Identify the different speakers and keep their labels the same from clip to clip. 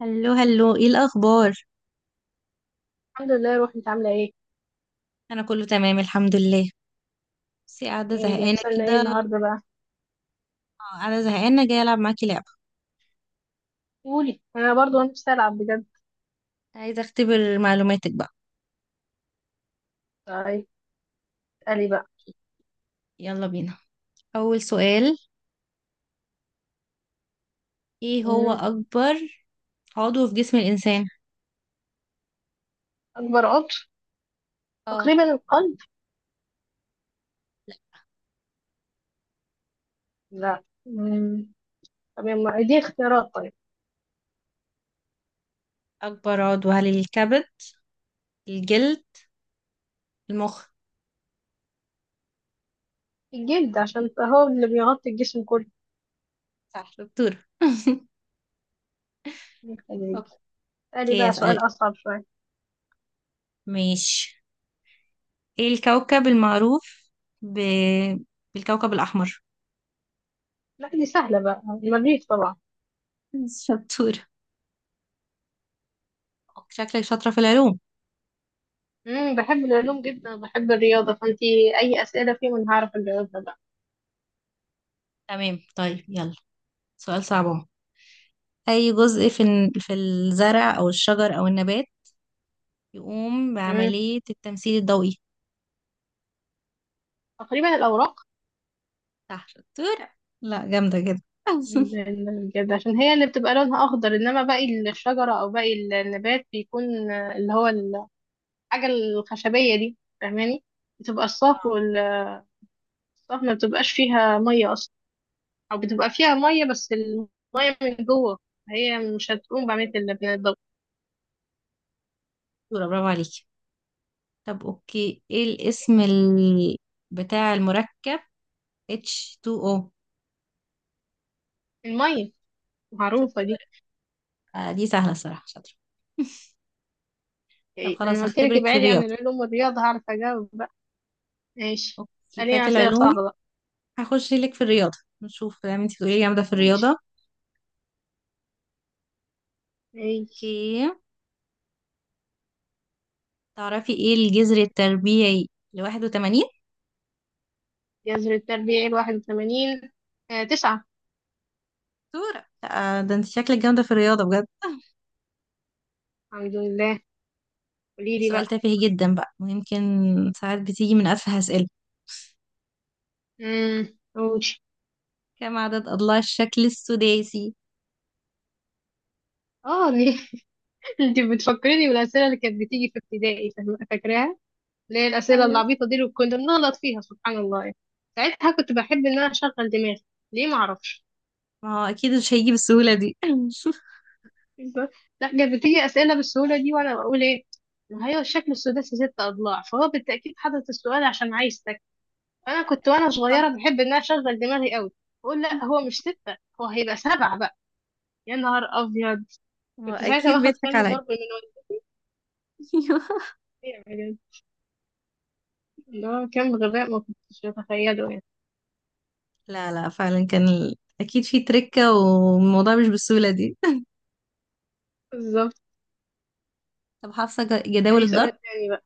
Speaker 1: هلو هلو، ايه الاخبار؟
Speaker 2: الحمد لله روحي، انت عامله ايه؟
Speaker 1: انا كله تمام الحمد لله. بس قاعده
Speaker 2: ايه
Speaker 1: زهقانه
Speaker 2: مجهزه لنا ايه
Speaker 1: كده.
Speaker 2: النهارده بقى؟
Speaker 1: آه، قاعده زهقانه، جايه العب معاكي لعبه.
Speaker 2: قولي، انا برضو انا نفسي العب بجد.
Speaker 1: عايزه اختبر معلوماتك بقى.
Speaker 2: طيب. قالي بقى.
Speaker 1: يلا بينا. اول سؤال: ايه هو
Speaker 2: مم.
Speaker 1: اكبر عضو في جسم الانسان؟
Speaker 2: اكبر عضو؟
Speaker 1: اه.
Speaker 2: تقريبا القلب.
Speaker 1: لا.
Speaker 2: لا. مم. طب يما دي اختيارات. طيب.
Speaker 1: اكبر عضو هل الكبد، الجلد، المخ؟
Speaker 2: الجلد عشان هو اللي بيغطي الجسم كله.
Speaker 1: صح دكتور.
Speaker 2: خليك. قالي
Speaker 1: اوكي
Speaker 2: بقى
Speaker 1: اسالك.
Speaker 2: سؤال اصعب شويه.
Speaker 1: ماشي. ايه الكوكب المعروف ب... بالكوكب الاحمر؟
Speaker 2: لا، دي سهله بقى، المريض طبعا.
Speaker 1: شطورة. شكلك شاطره في العلوم.
Speaker 2: مم. بحب العلوم جدا، بحب الرياضه، فانتي اي اسئله فيهم انا هعرف اجاوبها بقى.
Speaker 1: تمام طيب يلا، سؤال صعب. أي جزء في في الزرع أو الشجر أو النبات يقوم
Speaker 2: مم.
Speaker 1: بعملية التمثيل الضوئي؟
Speaker 2: تقريبا الاوراق.
Speaker 1: صح شطورة. لا جامدة جدا. اه.
Speaker 2: بجد، عشان هي اللي بتبقى لونها اخضر، انما باقي الشجره او باقي النبات بيكون اللي هو الحاجه الخشبيه دي، فاهماني؟ بتبقى الصاف والصاف، ما بتبقاش فيها ميه اصلا، او بتبقى فيها ميه بس الميه من جوه، هي مش هتقوم بعمليه الضوء.
Speaker 1: شطورة برافو عليكي. طب أوكي، إيه الاسم بتاع المركب H2O؟
Speaker 2: الميه، معروفه دي.
Speaker 1: شطورة. آه دي سهلة الصراحة، شاطرة. طب
Speaker 2: يعني
Speaker 1: خلاص
Speaker 2: انا قلت لك
Speaker 1: هختبرك في
Speaker 2: ابعدي عن
Speaker 1: الرياضة.
Speaker 2: العلوم والرياضه هعرف اجاوب بقى. ماشي.
Speaker 1: اوكي،
Speaker 2: اساليني
Speaker 1: فات
Speaker 2: اسئله
Speaker 1: العلوم.
Speaker 2: صعبه بقى.
Speaker 1: هخش لك في الرياضة، نشوف بقى انتي تقولي لي جامدة في الرياضة.
Speaker 2: ماشي، ماشي.
Speaker 1: اوكي، تعرفي ايه الجذر التربيعي ل81؟
Speaker 2: جذر التربيع 81، 9.
Speaker 1: دكتورة. آه، ده انت شكلك جامدة في الرياضة بجد.
Speaker 2: الحمد لله، قولي
Speaker 1: في
Speaker 2: لي
Speaker 1: سؤال
Speaker 2: بقى.
Speaker 1: تافه جدا بقى، ويمكن ساعات بتيجي من أسهل أسئلة.
Speaker 2: قولي.
Speaker 1: كم عدد أضلاع الشكل السداسي؟
Speaker 2: اه ليه؟ انت بتفكريني بالاسئله اللي كانت بتيجي في ابتدائي، فاكراها، اللي هي الاسئله
Speaker 1: ايوه.
Speaker 2: العبيطه دي اللي كنا بنغلط فيها، سبحان الله يعني. ساعتها كنت بحب ان انا اشغل دماغي، ليه ما اعرفش.
Speaker 1: ما هو أكيد مش هيجي بالسهولة دي.
Speaker 2: لا، كانت بتيجي اسئله بالسهوله دي وانا بقول ايه، ما هي الشكل السداسي 6 اضلاع فهو بالتاكيد حدد السؤال عشان عايز تك، فانا كنت وانا
Speaker 1: أكيد صح.
Speaker 2: صغيره بحب ان انا اشغل دماغي قوي، بقول لا هو مش 6 هو هيبقى 7 بقى، يا نهار ابيض.
Speaker 1: هو
Speaker 2: كنت ساعتها
Speaker 1: أكيد
Speaker 2: باخد
Speaker 1: بيضحك
Speaker 2: كم
Speaker 1: عليا.
Speaker 2: ضرب من والدتي. ده كان غباء ما كنتش أتخيله يعني.
Speaker 1: لا لا، فعلا كان أكيد في تركة، والموضوع مش بالسهولة دي.
Speaker 2: بالظبط.
Speaker 1: طب حافظة جداول
Speaker 2: تاني
Speaker 1: الضرب؟
Speaker 2: سؤال تاني بقى.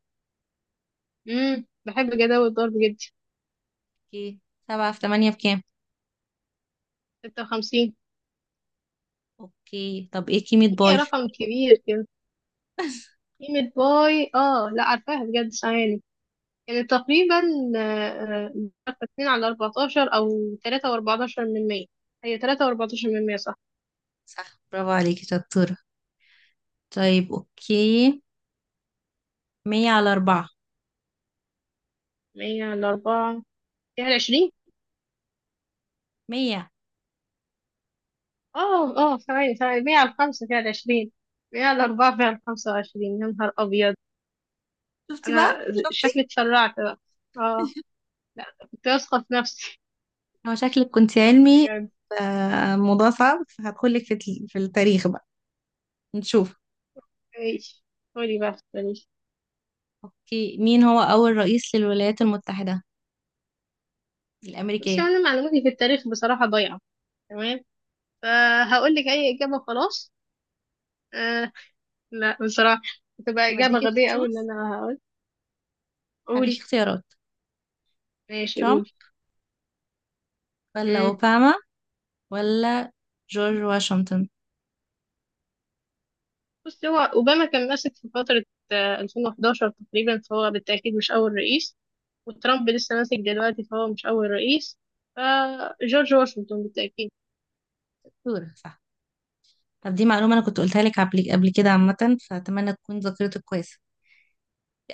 Speaker 2: بحب جداول الضرب جدا.
Speaker 1: اوكي، سبعة في تمانية بكام؟
Speaker 2: 56.
Speaker 1: اوكي، طب ايه كيمة
Speaker 2: هي
Speaker 1: باي؟
Speaker 2: رقم كبير كده. قيمة باي، لا عارفاها بجد، ثواني، يعني تقريبا، آه، 2 على 14 أو 3 و14 من 100. هي 3 و14 من 100، صح؟
Speaker 1: صح برافو عليكي شطورة. طيب اوكي، مية على أربعة.
Speaker 2: 100 على 4 فيها 20.
Speaker 1: مية.
Speaker 2: اه ثواني ثواني، 100 على 5 فيها 20، 100 على 4 فيها 25، يا نهار أبيض.
Speaker 1: شفتي
Speaker 2: أنا
Speaker 1: بقى،
Speaker 2: شكلي
Speaker 1: شفتي.
Speaker 2: اتسرعت بقى. اه. كنت واثقة في نفسي.
Speaker 1: هو شكلك كنت علمي.
Speaker 2: بجد.
Speaker 1: آه، موضوع صعب، فهدخلك في في التاريخ بقى. نشوف.
Speaker 2: ماشي، قولي بقى، ماليش.
Speaker 1: اوكي، مين هو اول رئيس للولايات المتحدة
Speaker 2: بس
Speaker 1: الامريكية؟
Speaker 2: أنا معلوماتي في التاريخ بصراحة ضايعة، تمام، فهقول لك أي إجابة خلاص. آه لا بصراحة، هتبقى
Speaker 1: طب
Speaker 2: إجابة
Speaker 1: اديكي
Speaker 2: غبية أوي اللي
Speaker 1: تشوز،
Speaker 2: أنا هقول. قولي.
Speaker 1: هديكي اختيارات:
Speaker 2: ماشي،
Speaker 1: ترامب،
Speaker 2: قولي.
Speaker 1: ولا
Speaker 2: مم.
Speaker 1: اوباما، ولا جورج واشنطن؟
Speaker 2: بصي، هو أوباما كان ماسك في فترة، 2011 تقريبا، فهو بالتأكيد مش أول رئيس، وترامب لسه ماسك دلوقتي فهو مش أول رئيس، فجورج واشنطن بالتأكيد.
Speaker 1: دكتورة، صح. طب دي معلومة انا كنت قلتها لك قبل كده عامة، فاتمنى تكون ذاكرتك كويسة.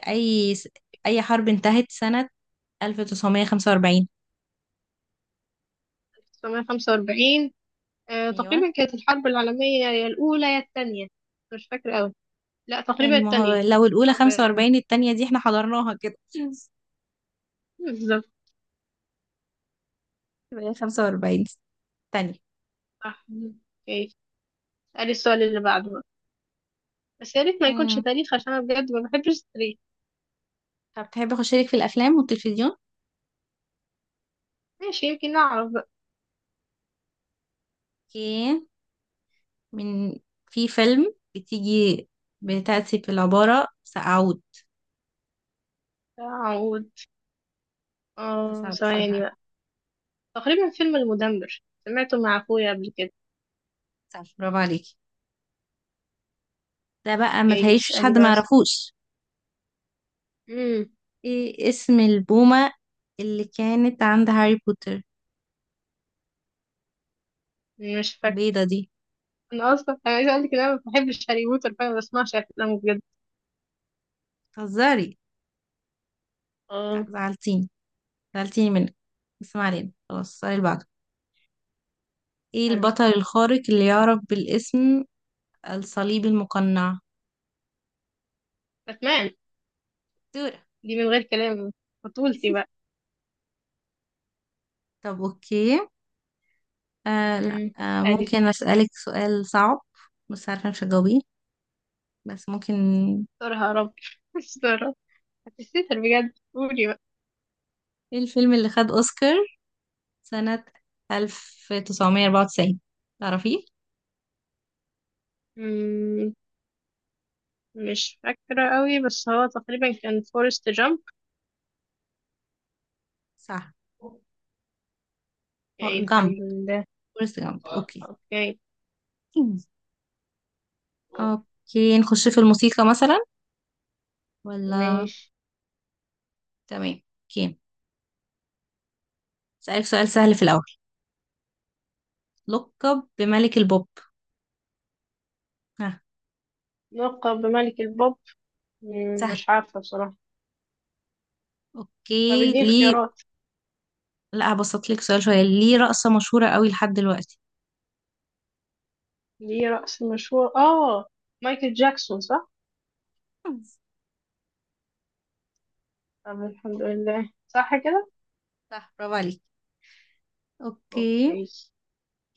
Speaker 1: اي س- اي حرب انتهت سنة 1945؟
Speaker 2: 1945.
Speaker 1: ايوه.
Speaker 2: تقريبا كانت الحرب العالمية يا الأولى يا التانية. مش فاكرة أوي. لا،
Speaker 1: لا
Speaker 2: تقريبا
Speaker 1: يعني، ما هو
Speaker 2: التانية.
Speaker 1: لو الأولى
Speaker 2: حرب
Speaker 1: 45، التانية دي احنا حضرناها كده.
Speaker 2: بالظبط.
Speaker 1: يبقى هي 45، التانية.
Speaker 2: صح. اوكي، اسألي السؤال اللي بعده بقى، بس يا ريت ما يكونش
Speaker 1: امم
Speaker 2: تاريخ عشان أنا بجد ما بحبش التاريخ.
Speaker 1: طب تحب أخش لك في الأفلام والتلفزيون؟
Speaker 2: ماشي، يمكن أعرف بقى.
Speaker 1: اوكي. من، في فيلم بتيجي، بتأتي في العبارة سأعود؟
Speaker 2: أعود.
Speaker 1: ده
Speaker 2: اه
Speaker 1: صعب
Speaker 2: ثواني
Speaker 1: الصراحة.
Speaker 2: بقى، تقريبا فيلم المدمر، سمعته مع أخويا قبل كده.
Speaker 1: صعب، برافو عليكي. ده بقى ما
Speaker 2: اوكي،
Speaker 1: تهيش
Speaker 2: اسألي
Speaker 1: حد ما
Speaker 2: بس.
Speaker 1: يعرفوش.
Speaker 2: مم.
Speaker 1: ايه اسم البومة اللي كانت عند هاري بوتر،
Speaker 2: مش فاكرة.
Speaker 1: البيضة دي؟
Speaker 2: أنا أصلا عايزة أقولك إن أنا ما بحبش هاري بوتر، فأنا ما بسمعش أفلامه بجد.
Speaker 1: بتهزري؟ لأ،
Speaker 2: اه.
Speaker 1: زعلتيني، زعلتيني منك. بس ما علينا، خلاص السؤال اللي بعده. ايه
Speaker 2: أبي.
Speaker 1: البطل الخارق اللي يعرف بالاسم الصليب المقنع؟
Speaker 2: باتمان.
Speaker 1: دورة.
Speaker 2: دي من غير كلام، بطولتي بقى.
Speaker 1: طب اوكي. آه لا
Speaker 2: امم
Speaker 1: آه
Speaker 2: عادي.
Speaker 1: ممكن اسألك سؤال صعب؟ بس عارفة مش هتجاوبيه، بس ممكن.
Speaker 2: استرها يا رب. استرها. هتستر بجد، قولي بقى.
Speaker 1: ايه الفيلم اللي خد اوسكار سنة 1994؟ تعرفيه؟
Speaker 2: امم مش فاكرة قوي بس هو تقريبا كان فورست جامب.
Speaker 1: صح.
Speaker 2: اوكي
Speaker 1: جامب.
Speaker 2: الحمد لله.
Speaker 1: فورست جامب. اوكي.
Speaker 2: اوكي.
Speaker 1: مم. اوكي نخش في الموسيقى مثلا، ولا؟
Speaker 2: ماشي.
Speaker 1: تمام اوكي. اسألك سؤال سهل في الاول. لقب بملك البوب. ها؟
Speaker 2: لقب بملك البوب.
Speaker 1: سهل.
Speaker 2: مش عارفة بصراحة. طب
Speaker 1: اوكي
Speaker 2: اديني
Speaker 1: ليه.
Speaker 2: اختيارات.
Speaker 1: لا هبسط لك سؤال شوية، ليه رقصة مشهورة قوي لحد دلوقتي.
Speaker 2: ليه رأس مشهور، اه، مايكل جاكسون صح؟ طب الحمد لله، صح كده؟
Speaker 1: صح برافو عليك. اوكي،
Speaker 2: اوكي.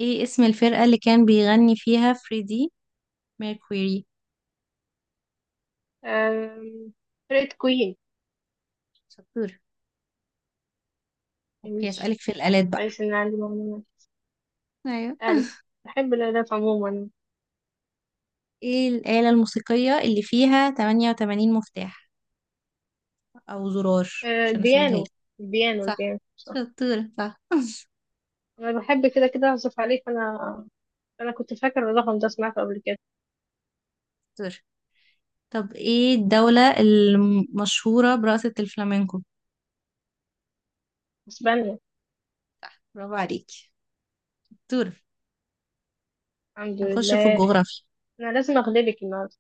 Speaker 1: ايه اسم الفرقة اللي كان بيغني فيها فريدي ميركوري؟
Speaker 2: أم... فرقة كوين.
Speaker 1: شطور. اوكي
Speaker 2: ماشي،
Speaker 1: اسألك في الآلات بقى.
Speaker 2: كويس ان عندي معلومات.
Speaker 1: ايوه.
Speaker 2: ألف. بحب الآلات عموما.
Speaker 1: ايه الآلة الموسيقية اللي فيها 88 مفتاح او زرار؟ عشان اسهلها لك.
Speaker 2: البيانو. البيانو
Speaker 1: صح
Speaker 2: البيانو صح.
Speaker 1: شطورة، صح
Speaker 2: أنا بحب كده كده أعزف عليه، فأنا كنت فاكرة الرقم ده سمعته قبل كده.
Speaker 1: شطورة. طب ايه الدولة المشهورة برقصة الفلامينكو؟
Speaker 2: بس بني.
Speaker 1: برافو عليكي، شطورة.
Speaker 2: الحمد
Speaker 1: هنخش في
Speaker 2: لله.
Speaker 1: الجغرافيا.
Speaker 2: أنا لازم أغلبك النهاردة.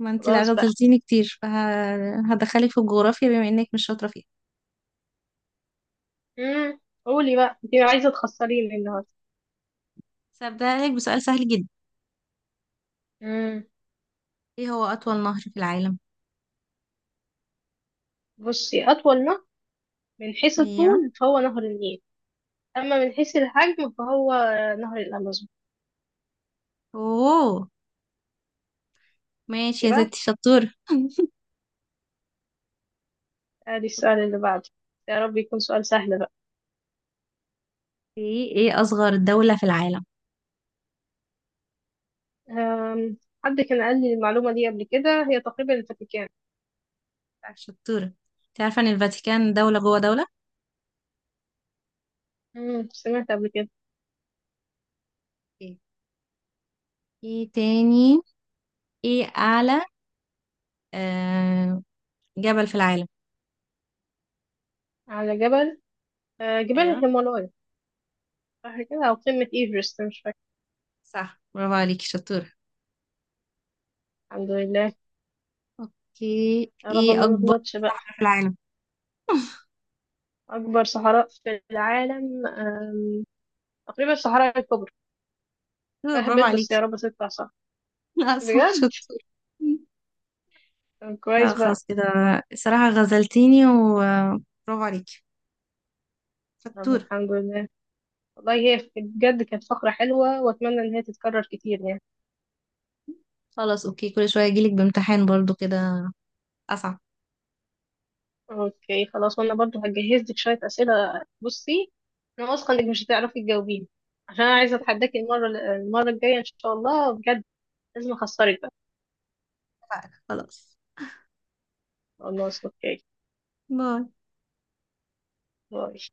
Speaker 1: ما انتي لا
Speaker 2: خلاص بقى.
Speaker 1: غزلتيني كتير، فهدخلك في الجغرافيا بما انك مش شاطرة فيها.
Speaker 2: مم. قولي بقى، أنت عايزة تخسريني النهاردة.
Speaker 1: بس هبدأ لك بسؤال سهل جدا.
Speaker 2: مم.
Speaker 1: ايه هو أطول نهر في العالم؟
Speaker 2: بصي، أطول نهر من حيث
Speaker 1: ايوه.
Speaker 2: الطول فهو نهر النيل. أما من حيث الحجم فهو نهر الأمازون.
Speaker 1: اوه، ماشي يا
Speaker 2: يبقى،
Speaker 1: ستي شطورة.
Speaker 2: ادي السؤال اللي بعده، يا رب يكون سؤال سهل.
Speaker 1: ايه أصغر دولة في العالم؟
Speaker 2: أم، حد كان قال لي المعلومة دي قبل كده، هي تقريبا الفاتيكان.
Speaker 1: لا، شطورة. انت عارفة ان الفاتيكان دولة جوه دولة؟
Speaker 2: سمعت قبل كده.
Speaker 1: ايه، تاني. ايه أعلى آه... جبل في العالم؟
Speaker 2: على جبل، جبال
Speaker 1: ايوه.
Speaker 2: الهيمالايا. صح كده، أو قمة إيفرست، مش فاكرة.
Speaker 1: صح برافو عليكي شطورة.
Speaker 2: الحمد لله.
Speaker 1: اوكي،
Speaker 2: يا رب
Speaker 1: ايه
Speaker 2: ما
Speaker 1: أكبر
Speaker 2: نغلطش بقى.
Speaker 1: في العالم؟
Speaker 2: أكبر صحراء في العالم، تقريبا الصحراء الكبرى.
Speaker 1: شطورة، برافو
Speaker 2: فهبت بس يا
Speaker 1: عليكي.
Speaker 2: رب تطلع صح.
Speaker 1: لا صح،
Speaker 2: بجد.
Speaker 1: شطورة.
Speaker 2: طب
Speaker 1: لا
Speaker 2: كويس بقى.
Speaker 1: خلاص كده، الصراحة غزلتيني وبرافو عليكي.
Speaker 2: طب
Speaker 1: فاتورة.
Speaker 2: الحمد لله. والله هي بجد كانت فقرة حلوة، وأتمنى إن هي تتكرر كتير يعني.
Speaker 1: خلاص اوكي، كل شوية اجيلك بامتحان برضو كده، اصعب.
Speaker 2: اوكي خلاص، وانا برضو هجهز لك شويه اسئله، بصي، انا واثقه انك مش هتعرفي تجاوبيها، عشان انا عايزه اتحداكي المره الجايه ان شاء الله بجد، لازم اخسرك بقى.
Speaker 1: اتفقنا. خلاص.
Speaker 2: خلاص اوكي.
Speaker 1: باي.
Speaker 2: باي.